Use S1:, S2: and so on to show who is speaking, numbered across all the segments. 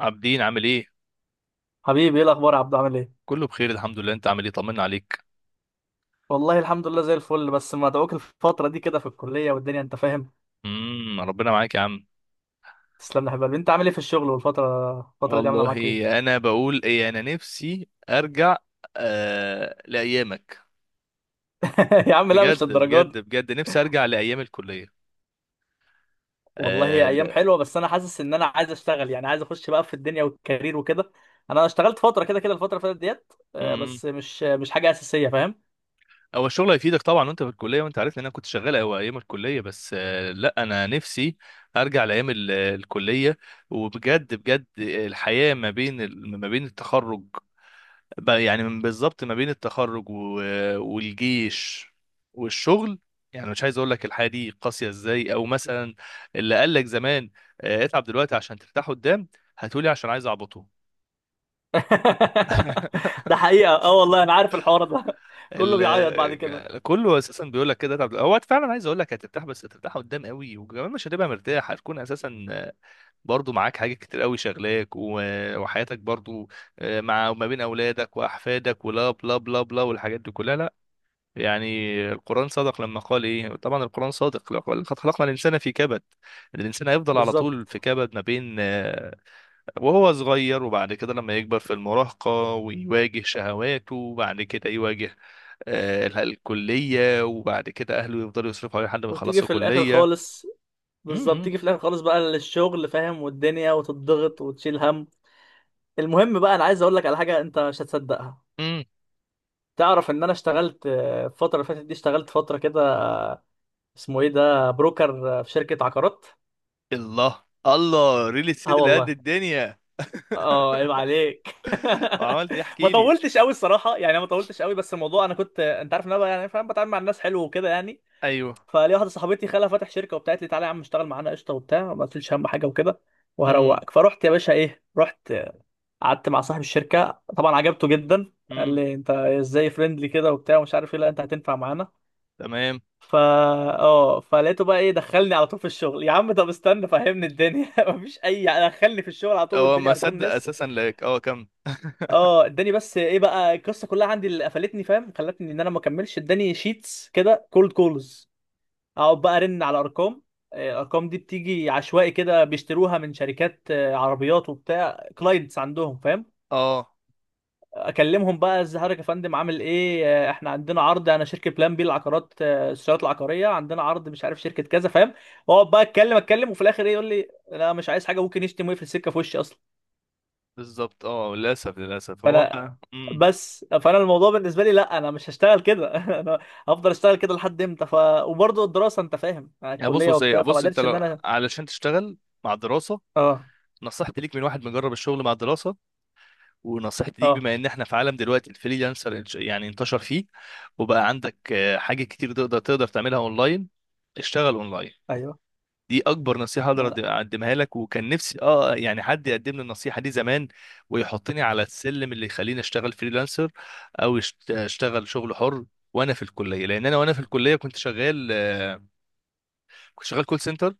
S1: عابدين عامل ايه؟
S2: حبيبي، ايه الاخبار يا عبدو؟ عامل ايه؟
S1: كله بخير الحمد لله، انت عامل ايه؟ طمنا عليك.
S2: والله الحمد لله زي الفل، بس مدعوك الفتره دي كده في الكليه والدنيا، انت فاهم.
S1: ربنا معاك يا عم.
S2: تسلم لي يا حبيبي، انت عامل ايه في الشغل، والفتره الفتره دي عامله معاك ايه؟
S1: والله انا بقول ايه، انا نفسي ارجع. آه، لايامك.
S2: يا عم لا،
S1: بجد
S2: مش للدرجه
S1: بجد
S2: دي.
S1: بجد نفسي ارجع لايام الكليه.
S2: والله هي
S1: آه
S2: ايام
S1: لا.
S2: حلوه، بس انا حاسس ان انا عايز اشتغل، يعني عايز اخش بقى في الدنيا والكارير وكده. انا اشتغلت فتره كده كده الفتره اللي فاتت ديت،
S1: امم
S2: بس مش حاجه اساسيه، فاهم.
S1: هو الشغل هيفيدك طبعا وانت في الكليه، وانت عارف ان انا كنت شغال أو ايام الكليه، بس آه لا، انا نفسي ارجع لايام الكليه. وبجد بجد، الحياه ما بين ما بين التخرج، بقى يعني من بالظبط ما بين التخرج والجيش والشغل، يعني مش عايز اقول لك الحياه دي قاسيه ازاي، او مثلا اللي قال لك زمان، اتعب دلوقتي عشان ترتاح قدام. هتقولي عشان عايز اعبطه.
S2: ده حقيقه، اه والله انا عارف الحوار ده. كله بيعيط بعد كده.
S1: كله اساسا بيقول لك كده، اتعب، هو فعلا عايز اقول لك هترتاح، بس هترتاح قدام قوي، وكمان مش هتبقى مرتاح، هتكون اساسا برضو معاك حاجات كتير قوي شغلاك وحياتك برضو. مع وما بين اولادك واحفادك ولا بلا بلا بلا والحاجات دي كلها، لا يعني. القرآن صدق لما قال ايه؟ طبعا القرآن صادق، لقد خلقنا الإنسان في كبد. الإنسان هيفضل على طول في
S2: بالظبط.
S1: كبد، ما بين وهو صغير، وبعد كده لما يكبر في المراهقة ويواجه شهواته، وبعد كده يواجه الكلية، وبعد كده أهله يفضلوا يصرفوا عليه لحد ما
S2: وتيجي
S1: يخلصوا
S2: في الاخر
S1: كلية.
S2: خالص. بالظبط،
S1: مم.
S2: تيجي في الاخر خالص بقى للشغل، فاهم، والدنيا، وتضغط وتشيل هم. المهم بقى، انا عايز اقول لك على حاجه انت مش هتصدقها.
S1: مم.
S2: تعرف ان انا اشتغلت الفتره اللي فاتت دي، اشتغلت فتره كده. اسمه ايه ده، بروكر، في شركه عقارات.
S1: الله الله، ريل الست
S2: اه
S1: اللي قد
S2: والله.
S1: الدنيا.
S2: اه، عيب عليك.
S1: وعملت ايه؟
S2: ما
S1: احكي لي.
S2: طولتش قوي الصراحه، يعني ما طولتش قوي، بس الموضوع انا كنت، انت عارف ان انا بقى يعني فاهم، بتعامل مع الناس حلو وكده يعني.
S1: ايوه.
S2: فليا واحده صاحبتي خالها فاتح شركه، وبتاعت لي تعالى يا عم اشتغل معانا قشطه وبتاع، ما قلتليش اهم حاجه وكده.
S1: امم
S2: وهروقك فرحت يا باشا ايه، رحت. قعدت مع صاحب الشركه، طبعا عجبته جدا، قال
S1: امم.
S2: لي انت ازاي فريندلي كده وبتاع ومش عارف ايه، لا انت هتنفع معانا.
S1: تمام.
S2: فا اه فلقيته بقى ايه، دخلني على طول في الشغل، يا عم طب استنى فهمني الدنيا. مفيش، اي دخلني في الشغل على طول،
S1: هو ما
S2: والدنيا ارقام
S1: صدق
S2: ناس.
S1: اساسا لك. اه كم.
S2: اه، اداني بس ايه بقى القصه كلها، عندي اللي قفلتني فاهم، خلتني ان انا ما اكملش، اداني شيتس كده كولد كولز. اقعد بقى ارن على ارقام. الارقام دي بتيجي عشوائي كده، بيشتروها من شركات، عربيات وبتاع كلاينتس عندهم، فاهم.
S1: اه
S2: اكلمهم بقى، ازيك يا فندم عامل ايه، احنا عندنا عرض، انا شركه بلان بي العقارات، السيارات العقاريه عندنا عرض، مش عارف شركه كذا، فاهم. واقعد بقى اتكلم اتكلم، وفي الاخر ايه يقول لي لا مش عايز حاجه، ممكن يشتم ويقفل السكه في وشي اصلا.
S1: بالظبط. اه للاسف للاسف هو.
S2: فانا
S1: امم.
S2: فانا الموضوع بالنسبه لي، لا انا مش هشتغل كده. انا هفضل اشتغل كده لحد امتى وبرضه الدراسه، انت فاهم،
S1: يا بص
S2: الكليه
S1: بص ايه،
S2: وبتاع، فما
S1: بص، انت
S2: قدرتش ان
S1: لو
S2: انا
S1: علشان تشتغل مع الدراسه،
S2: اه،
S1: نصيحتي ليك من واحد مجرب الشغل مع الدراسه، ونصيحتي ليك
S2: اه،
S1: بما ان احنا في عالم دلوقتي الفريلانسر يعني انتشر فيه، وبقى عندك حاجات كتير تقدر تعملها اونلاين. اشتغل اونلاين.
S2: ايوه.
S1: دي اكبر نصيحه
S2: ما
S1: اقدر
S2: أنا-
S1: اقدمها لك، وكان نفسي اه يعني حد يقدم لي النصيحه دي زمان ويحطني على السلم اللي يخليني اشتغل فريلانسر، او اشتغل شغل حر وانا في الكليه. لان انا وانا في الكليه كنت شغال، كنت شغال كول سنتر،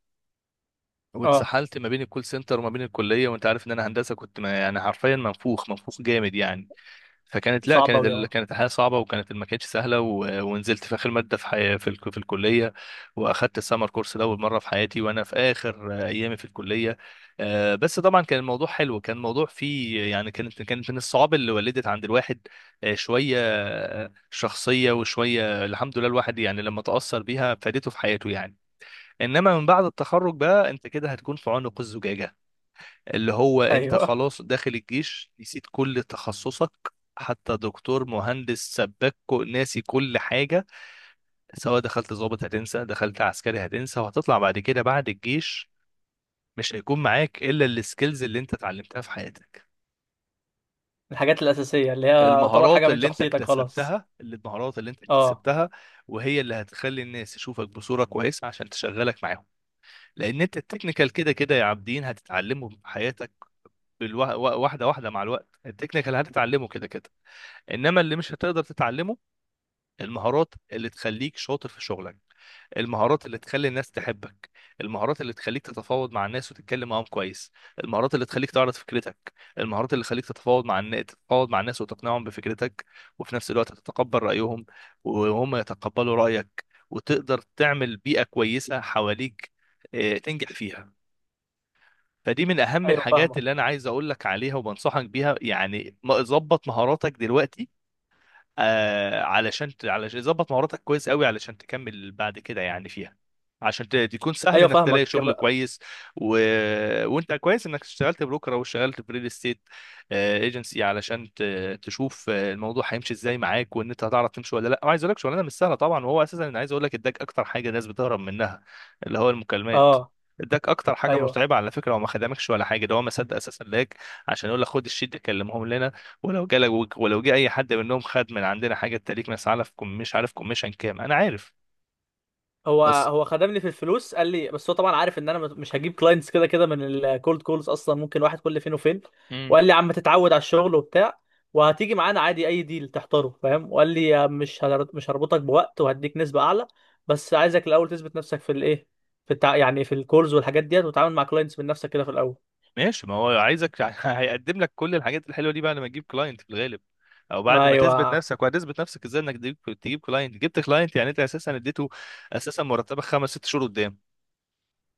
S2: اه،
S1: واتسحلت ما بين الكول سنتر وما بين الكليه، وانت عارف ان انا هندسه، كنت ما يعني حرفيا منفوخ منفوخ جامد يعني. فكانت لا،
S2: صعب
S1: كانت
S2: أوي، اه.
S1: كانت الحياه صعبه، وكانت ما كانتش سهله، ونزلت في اخر ماده في في الكليه، واخدت السمر كورس لاول مره في حياتي وانا في اخر ايامي في الكليه. بس طبعا كان الموضوع حلو، كان الموضوع فيه يعني كانت من الصعاب اللي ولدت عند الواحد شويه شخصيه، وشويه الحمد لله الواحد يعني لما تاثر بيها فادته في حياته يعني. انما من بعد التخرج بقى، انت كده هتكون في عنق الزجاجه، اللي هو انت
S2: أيوه.
S1: خلاص داخل الجيش، نسيت كل تخصصك، حتى دكتور مهندس سباك ناسي كل حاجة. سواء دخلت ضابط هتنسى، دخلت عسكري هتنسى، وهتطلع بعد كده بعد الجيش مش هيكون معاك إلا السكيلز اللي انت اتعلمتها في حياتك.
S2: الحاجات الأساسية اللي هي يعتبر
S1: المهارات
S2: حاجة من
S1: اللي انت
S2: شخصيتك خلاص.
S1: اكتسبتها، اللي المهارات اللي انت
S2: اه،
S1: اكتسبتها وهي اللي هتخلي الناس تشوفك بصورة كويسة عشان تشغلك معاهم. لان انت التكنيكال كده كده يا عابدين هتتعلمه في حياتك، واحدة واحدة مع الوقت، التكنيكال هتتعلمه كده كده. انما اللي مش هتقدر تتعلمه، المهارات اللي تخليك شاطر في شغلك، المهارات اللي تخلي الناس تحبك، المهارات اللي تخليك تتفاوض مع الناس وتتكلم معاهم كويس، المهارات اللي تخليك تعرض فكرتك، المهارات اللي تخليك تتفاوض مع الناس وتقنعهم بفكرتك، وفي نفس الوقت تتقبل رأيهم وهم يتقبلوا رأيك، وتقدر تعمل بيئة كويسة حواليك تنجح فيها. فدي من أهم
S2: أيوه
S1: الحاجات
S2: فاهمك.
S1: اللي أنا عايز أقول لك عليها وبنصحك بيها، يعني ظبط مهاراتك دلوقتي. آه علشان علشان ظبط مهاراتك كويس قوي علشان تكمل بعد كده يعني فيها، عشان تكون سهل
S2: أيوه
S1: انك تلاقي
S2: فاهمك
S1: شغل كويس. و... وانت كويس انك اشتغلت بروكر او اشتغلت في ريل استيت ايجنسي، علشان تشوف الموضوع هيمشي ازاي معاك، وان انت هتعرف تمشي ولا لا. وعايز اقول لك، شغلانه مش سهله طبعا، وهو اساسا انا عايز اقول لك اداك اكتر حاجه الناس بتهرب منها، اللي هو المكالمات.
S2: اه.
S1: اداك اكتر حاجه
S2: أيوه،
S1: متعبه على فكره، وما خدمكش ولا حاجه، ده هو ما صدق اساسا لاك، عشان يقول لك خد الشيت ده كلمهم لنا، ولو جالك، ولو جه اي حد منهم خد من عندنا حاجه، تليك مش عارف كم، مش عارف كوميشن كام انا عارف.
S2: هو
S1: بس.
S2: هو خدمني في الفلوس، قال لي بس هو طبعا عارف ان انا مش هجيب كلاينتس كده كده من الكولد كولز اصلا، ممكن واحد كل فين وفين.
S1: امم.
S2: وقال لي يا عم تتعود على الشغل وبتاع. وهتيجي معانا عادي اي ديل تحتاره، فاهم، وقال لي يا مش هربطك بوقت، وهديك نسبة اعلى. بس عايزك الاول تثبت نفسك في الايه، يعني في الكولز والحاجات ديت، وتتعامل مع كلاينتس من نفسك كده في الاول.
S1: ماشي، ما هو عايزك هيقدم لك كل الحاجات الحلوه دي بعد ما تجيب كلاينت في الغالب، او بعد ما تثبت
S2: ايوه،
S1: نفسك. وهتثبت نفسك ازاي؟ انك تجيب كلاينت. جبت كلاينت يعني انت اساسا اديته، اساسا مرتبك خمس ست شهور قدام.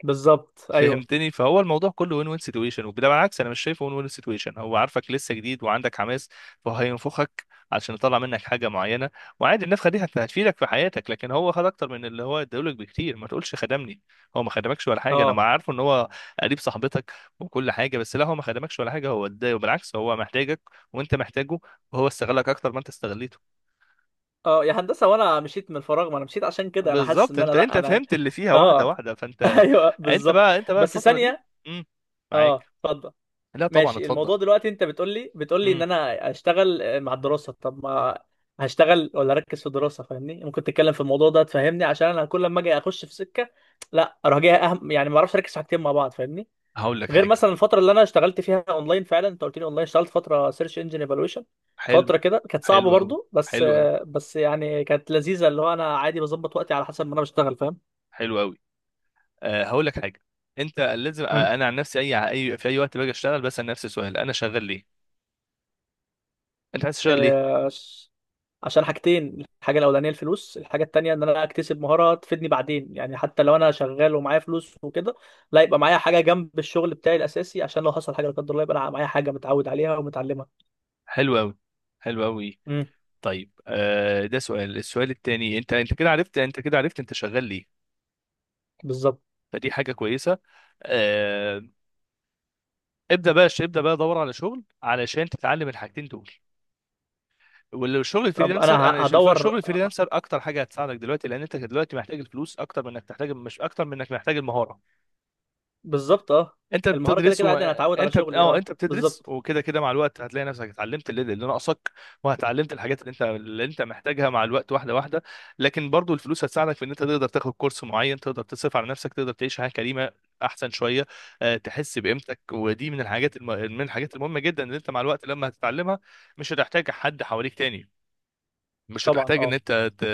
S2: بالظبط، ايوه.
S1: فهمتني؟ فهو الموضوع كله وين وين سيتويشن. وبالعكس، انا مش شايفه وين وين سيتويشن. هو عارفك لسه جديد وعندك حماس، فهينفخك عشان يطلع منك حاجه معينه. وعادي، النفخه دي هتفيدك في حياتك، لكن هو خد اكتر من اللي هو اداهولك بكتير. ما تقولش خدمني، هو ما خدمكش ولا حاجه. انا ما
S2: اه،
S1: عارفه ان هو قريب صاحبتك وكل حاجه، بس لا، هو ما خدمكش ولا حاجه، هو اداه وبالعكس، هو محتاجك وانت محتاجه، وهو استغلك اكتر ما انت استغليته.
S2: اه، يا هندسه، وانا مشيت من الفراغ، ما انا مشيت عشان كده، انا حاسس
S1: بالظبط،
S2: ان انا
S1: انت
S2: لا
S1: انت
S2: انا
S1: فهمت اللي فيها واحده
S2: اه.
S1: واحده، فانت.
S2: ايوه
S1: انت
S2: بالظبط.
S1: بقى انت بقى
S2: بس
S1: الفتره دي.
S2: ثانيه.
S1: امم. معاك.
S2: اه اتفضل.
S1: لا طبعا
S2: ماشي،
S1: اتفضل.
S2: الموضوع دلوقتي انت بتقول لي ان
S1: امم.
S2: انا اشتغل مع الدراسه، طب ما هشتغل ولا اركز في الدراسه؟ فاهمني، ممكن تتكلم في الموضوع ده تفهمني، عشان انا كل لما اجي اخش في سكه لا اروح جاي اهم، يعني ما اعرفش اركز في حاجتين مع بعض، فاهمني.
S1: هقول لك
S2: غير
S1: حاجه.
S2: مثلا الفتره اللي انا اشتغلت فيها اونلاين، فعلا انت قلت لي اونلاين، اشتغلت فتره سيرش انجن ايفالويشن.
S1: حلو.
S2: فتره كده كانت
S1: حلو
S2: صعبه
S1: قوي.
S2: برضو، بس
S1: حلو قوي.
S2: بس يعني كانت لذيذه، اللي هو انا عادي بظبط وقتي على حسب ما انا بشتغل، فاهم.
S1: حلو قوي. أه هقول لك حاجه. انت لازم
S2: مم.
S1: انا عن نفسي اي اي في اي وقت باجي اشتغل بسال نفسي سؤال: انا شغال ليه؟ انت عايز تشتغل ليه؟
S2: آه، عشان حاجتين، الحاجه الاولانيه الفلوس، الحاجه التانيه ان انا اكتسب مهاره تفيدني بعدين، يعني حتى لو انا شغال ومعايا فلوس وكده، لا، يبقى معايا حاجه جنب الشغل بتاعي الاساسي، عشان لو حصل حاجه لا قدر الله، يبقى انا معايا حاجه متعود عليها ومتعلمها.
S1: حلو قوي. حلو قوي.
S2: مم.
S1: طيب. أه ده سؤال. السؤال التاني، انت كده عرفت، انت كده عرفت انت شغال ليه،
S2: بالظبط.
S1: فدي حاجه كويسه. أه، ابدا بقى، ابدا بقى دور على شغل علشان تتعلم الحاجتين دول. والشغل
S2: طب
S1: الفريلانسر،
S2: انا
S1: انا
S2: هدور.
S1: الشغل الفريلانسر اكتر حاجه هتساعدك دلوقتي، لان انت دلوقتي محتاج الفلوس اكتر من انك تحتاج، مش اكتر من انك محتاج المهاره.
S2: بالظبط، اه.
S1: انت
S2: المهارة كده
S1: بتدرس
S2: كده عادي، انا هتعود على شغلي،
S1: اه
S2: اه،
S1: انت بتدرس،
S2: بالظبط.
S1: وكده كده مع الوقت هتلاقي نفسك اتعلمت اللي ناقصك، وهتعلمت الحاجات اللي انت محتاجها مع الوقت واحده واحده. لكن برضو الفلوس هتساعدك في ان انت تقدر تاخد كورس معين، تقدر تصرف على نفسك، تقدر تعيش حياه كريمه احسن شويه. أه تحس بقيمتك، ودي من من الحاجات المهمه جدا اللي انت مع الوقت لما هتتعلمها مش هتحتاج حد حواليك تاني، مش
S2: طبعا،
S1: هتحتاج ان
S2: اه.
S1: انت ت...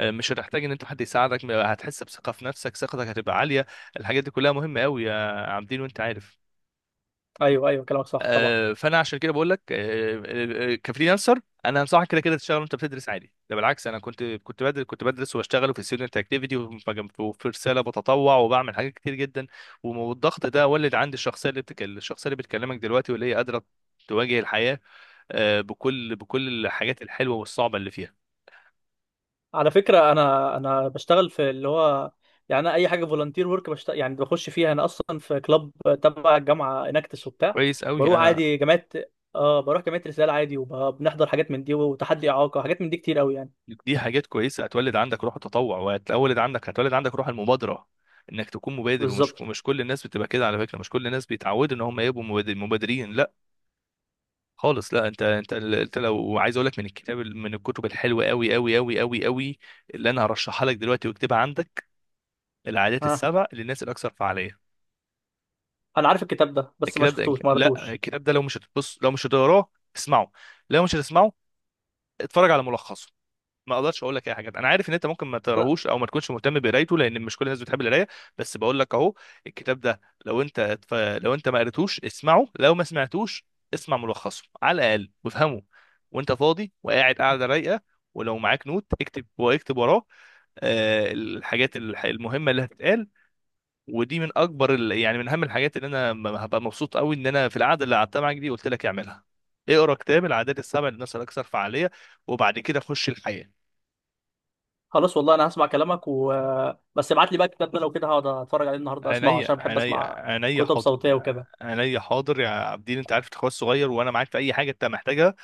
S1: آه، مش هتحتاج ان انت حد يساعدك، هتحس بثقه في نفسك، ثقتك هتبقى عاليه. الحاجات دي كلها مهمه قوي يا عابدين، وانت عارف.
S2: ايوه، ايوه كلامك صح طبعا.
S1: فانا عشان كده بقول لك كفريلانسر انا انصحك كده كده تشتغل وانت بتدرس عادي. ده بالعكس، انا كنت كنت بدرس واشتغل في ستودنت اكتيفيتي، وفي رساله بتطوع، وبعمل حاجات كتير جدا، والضغط ده ولد عندي الشخصيه اللي الشخصيه اللي بتكلمك دلوقتي، واللي هي قادره تواجه الحياه بكل الحاجات الحلوه والصعبه اللي فيها.
S2: على فكرة، انا بشتغل في اللي هو، يعني أنا اي حاجة فولunteer ورك بشتغل، يعني بخش فيها، انا اصلا في كلاب تبع الجامعة اناكتس وبتاع.
S1: كويس قوي
S2: بروح
S1: انا.
S2: عادي جامعات. اه، بروح جامعة رسالة عادي، وبنحضر حاجات من دي وتحدي اعاقة، حاجات من دي كتير قوي يعني.
S1: دي حاجات كويسه، هتولد عندك روح التطوع، وهتولد عندك، هتولد عندك روح المبادره، انك تكون مبادر. ومش
S2: بالظبط.
S1: ومش كل الناس بتبقى كده على فكره، مش كل الناس بيتعودوا ان هم يبقوا مبادرين، لا خالص. لا، انت لو عايز اقول لك من الكتاب، من الكتب الحلوه قوي اللي انا هرشحها لك دلوقتي واكتبها عندك، العادات
S2: ها.
S1: السبع للناس الاكثر فعاليه.
S2: انا عارف الكتاب ده، بس ما
S1: الكتاب ده،
S2: شفتوش ما
S1: لا،
S2: قريتوش.
S1: الكتاب ده لو مش هتبص، لو مش هتقراه، اسمعه. لو مش هتسمعه، اتفرج على ملخصه. ما اقدرش اقول لك اي حاجه، انا عارف ان انت ممكن ما تقراهوش او ما تكونش مهتم بقرايته لان مش كل الناس بتحب القرايه، بس بقول لك اهو، الكتاب ده، لو انت لو انت ما قريتوش اسمعه، لو ما سمعتوش اسمع ملخصه على الاقل، وافهمه وانت فاضي وقاعد قاعده رايقه، ولو معاك نوت اكتب، واكتب وراه الحاجات المهمه اللي هتتقال. ودي من اكبر يعني من اهم الحاجات اللي انا هبقى مبسوط قوي ان انا في القعده اللي قعدتها معاك دي قلت لك اعملها: اقرا كتاب العادات السبع للناس الاكثر فعاليه، وبعد كده خش الحياه.
S2: خلاص والله انا هسمع كلامك بس ابعت لي بقى الكتاب ده، لو كده هقعد اتفرج عليه النهارده اسمعه،
S1: عينيا.
S2: عشان بحب
S1: عينيا
S2: اسمع
S1: عينيا
S2: كتب
S1: حاضر.
S2: صوتيه وكده.
S1: عينيا حاضر يا عابدين، انت عارف اخويا الصغير، وانا معاك في اي حاجه انت محتاجها.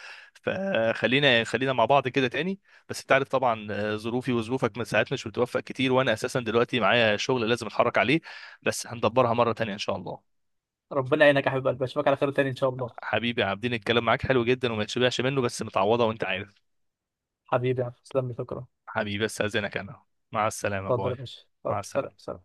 S1: فخلينا مع بعض كده تاني، بس انت عارف طبعا ظروفي وظروفك من ساعات مش بتوفق كتير، وانا اساسا دلوقتي معايا شغل لازم اتحرك عليه، بس هندبرها مره تانيه ان شاء الله.
S2: ربنا يعينك يا حبيب قلبي، اشوفك على خير تاني ان شاء الله.
S1: حبيبي يا عابدين، الكلام معاك حلو جدا وما يتشبعش منه، بس متعوضه وانت عارف.
S2: حبيبي يا عم. تسلم لي، شكرا.
S1: حبيبي، بس اذنك انا، مع السلامه،
S2: اتفضل يا
S1: باي.
S2: باشا،
S1: مع
S2: اتفضل، سلام
S1: السلامه.
S2: سلام.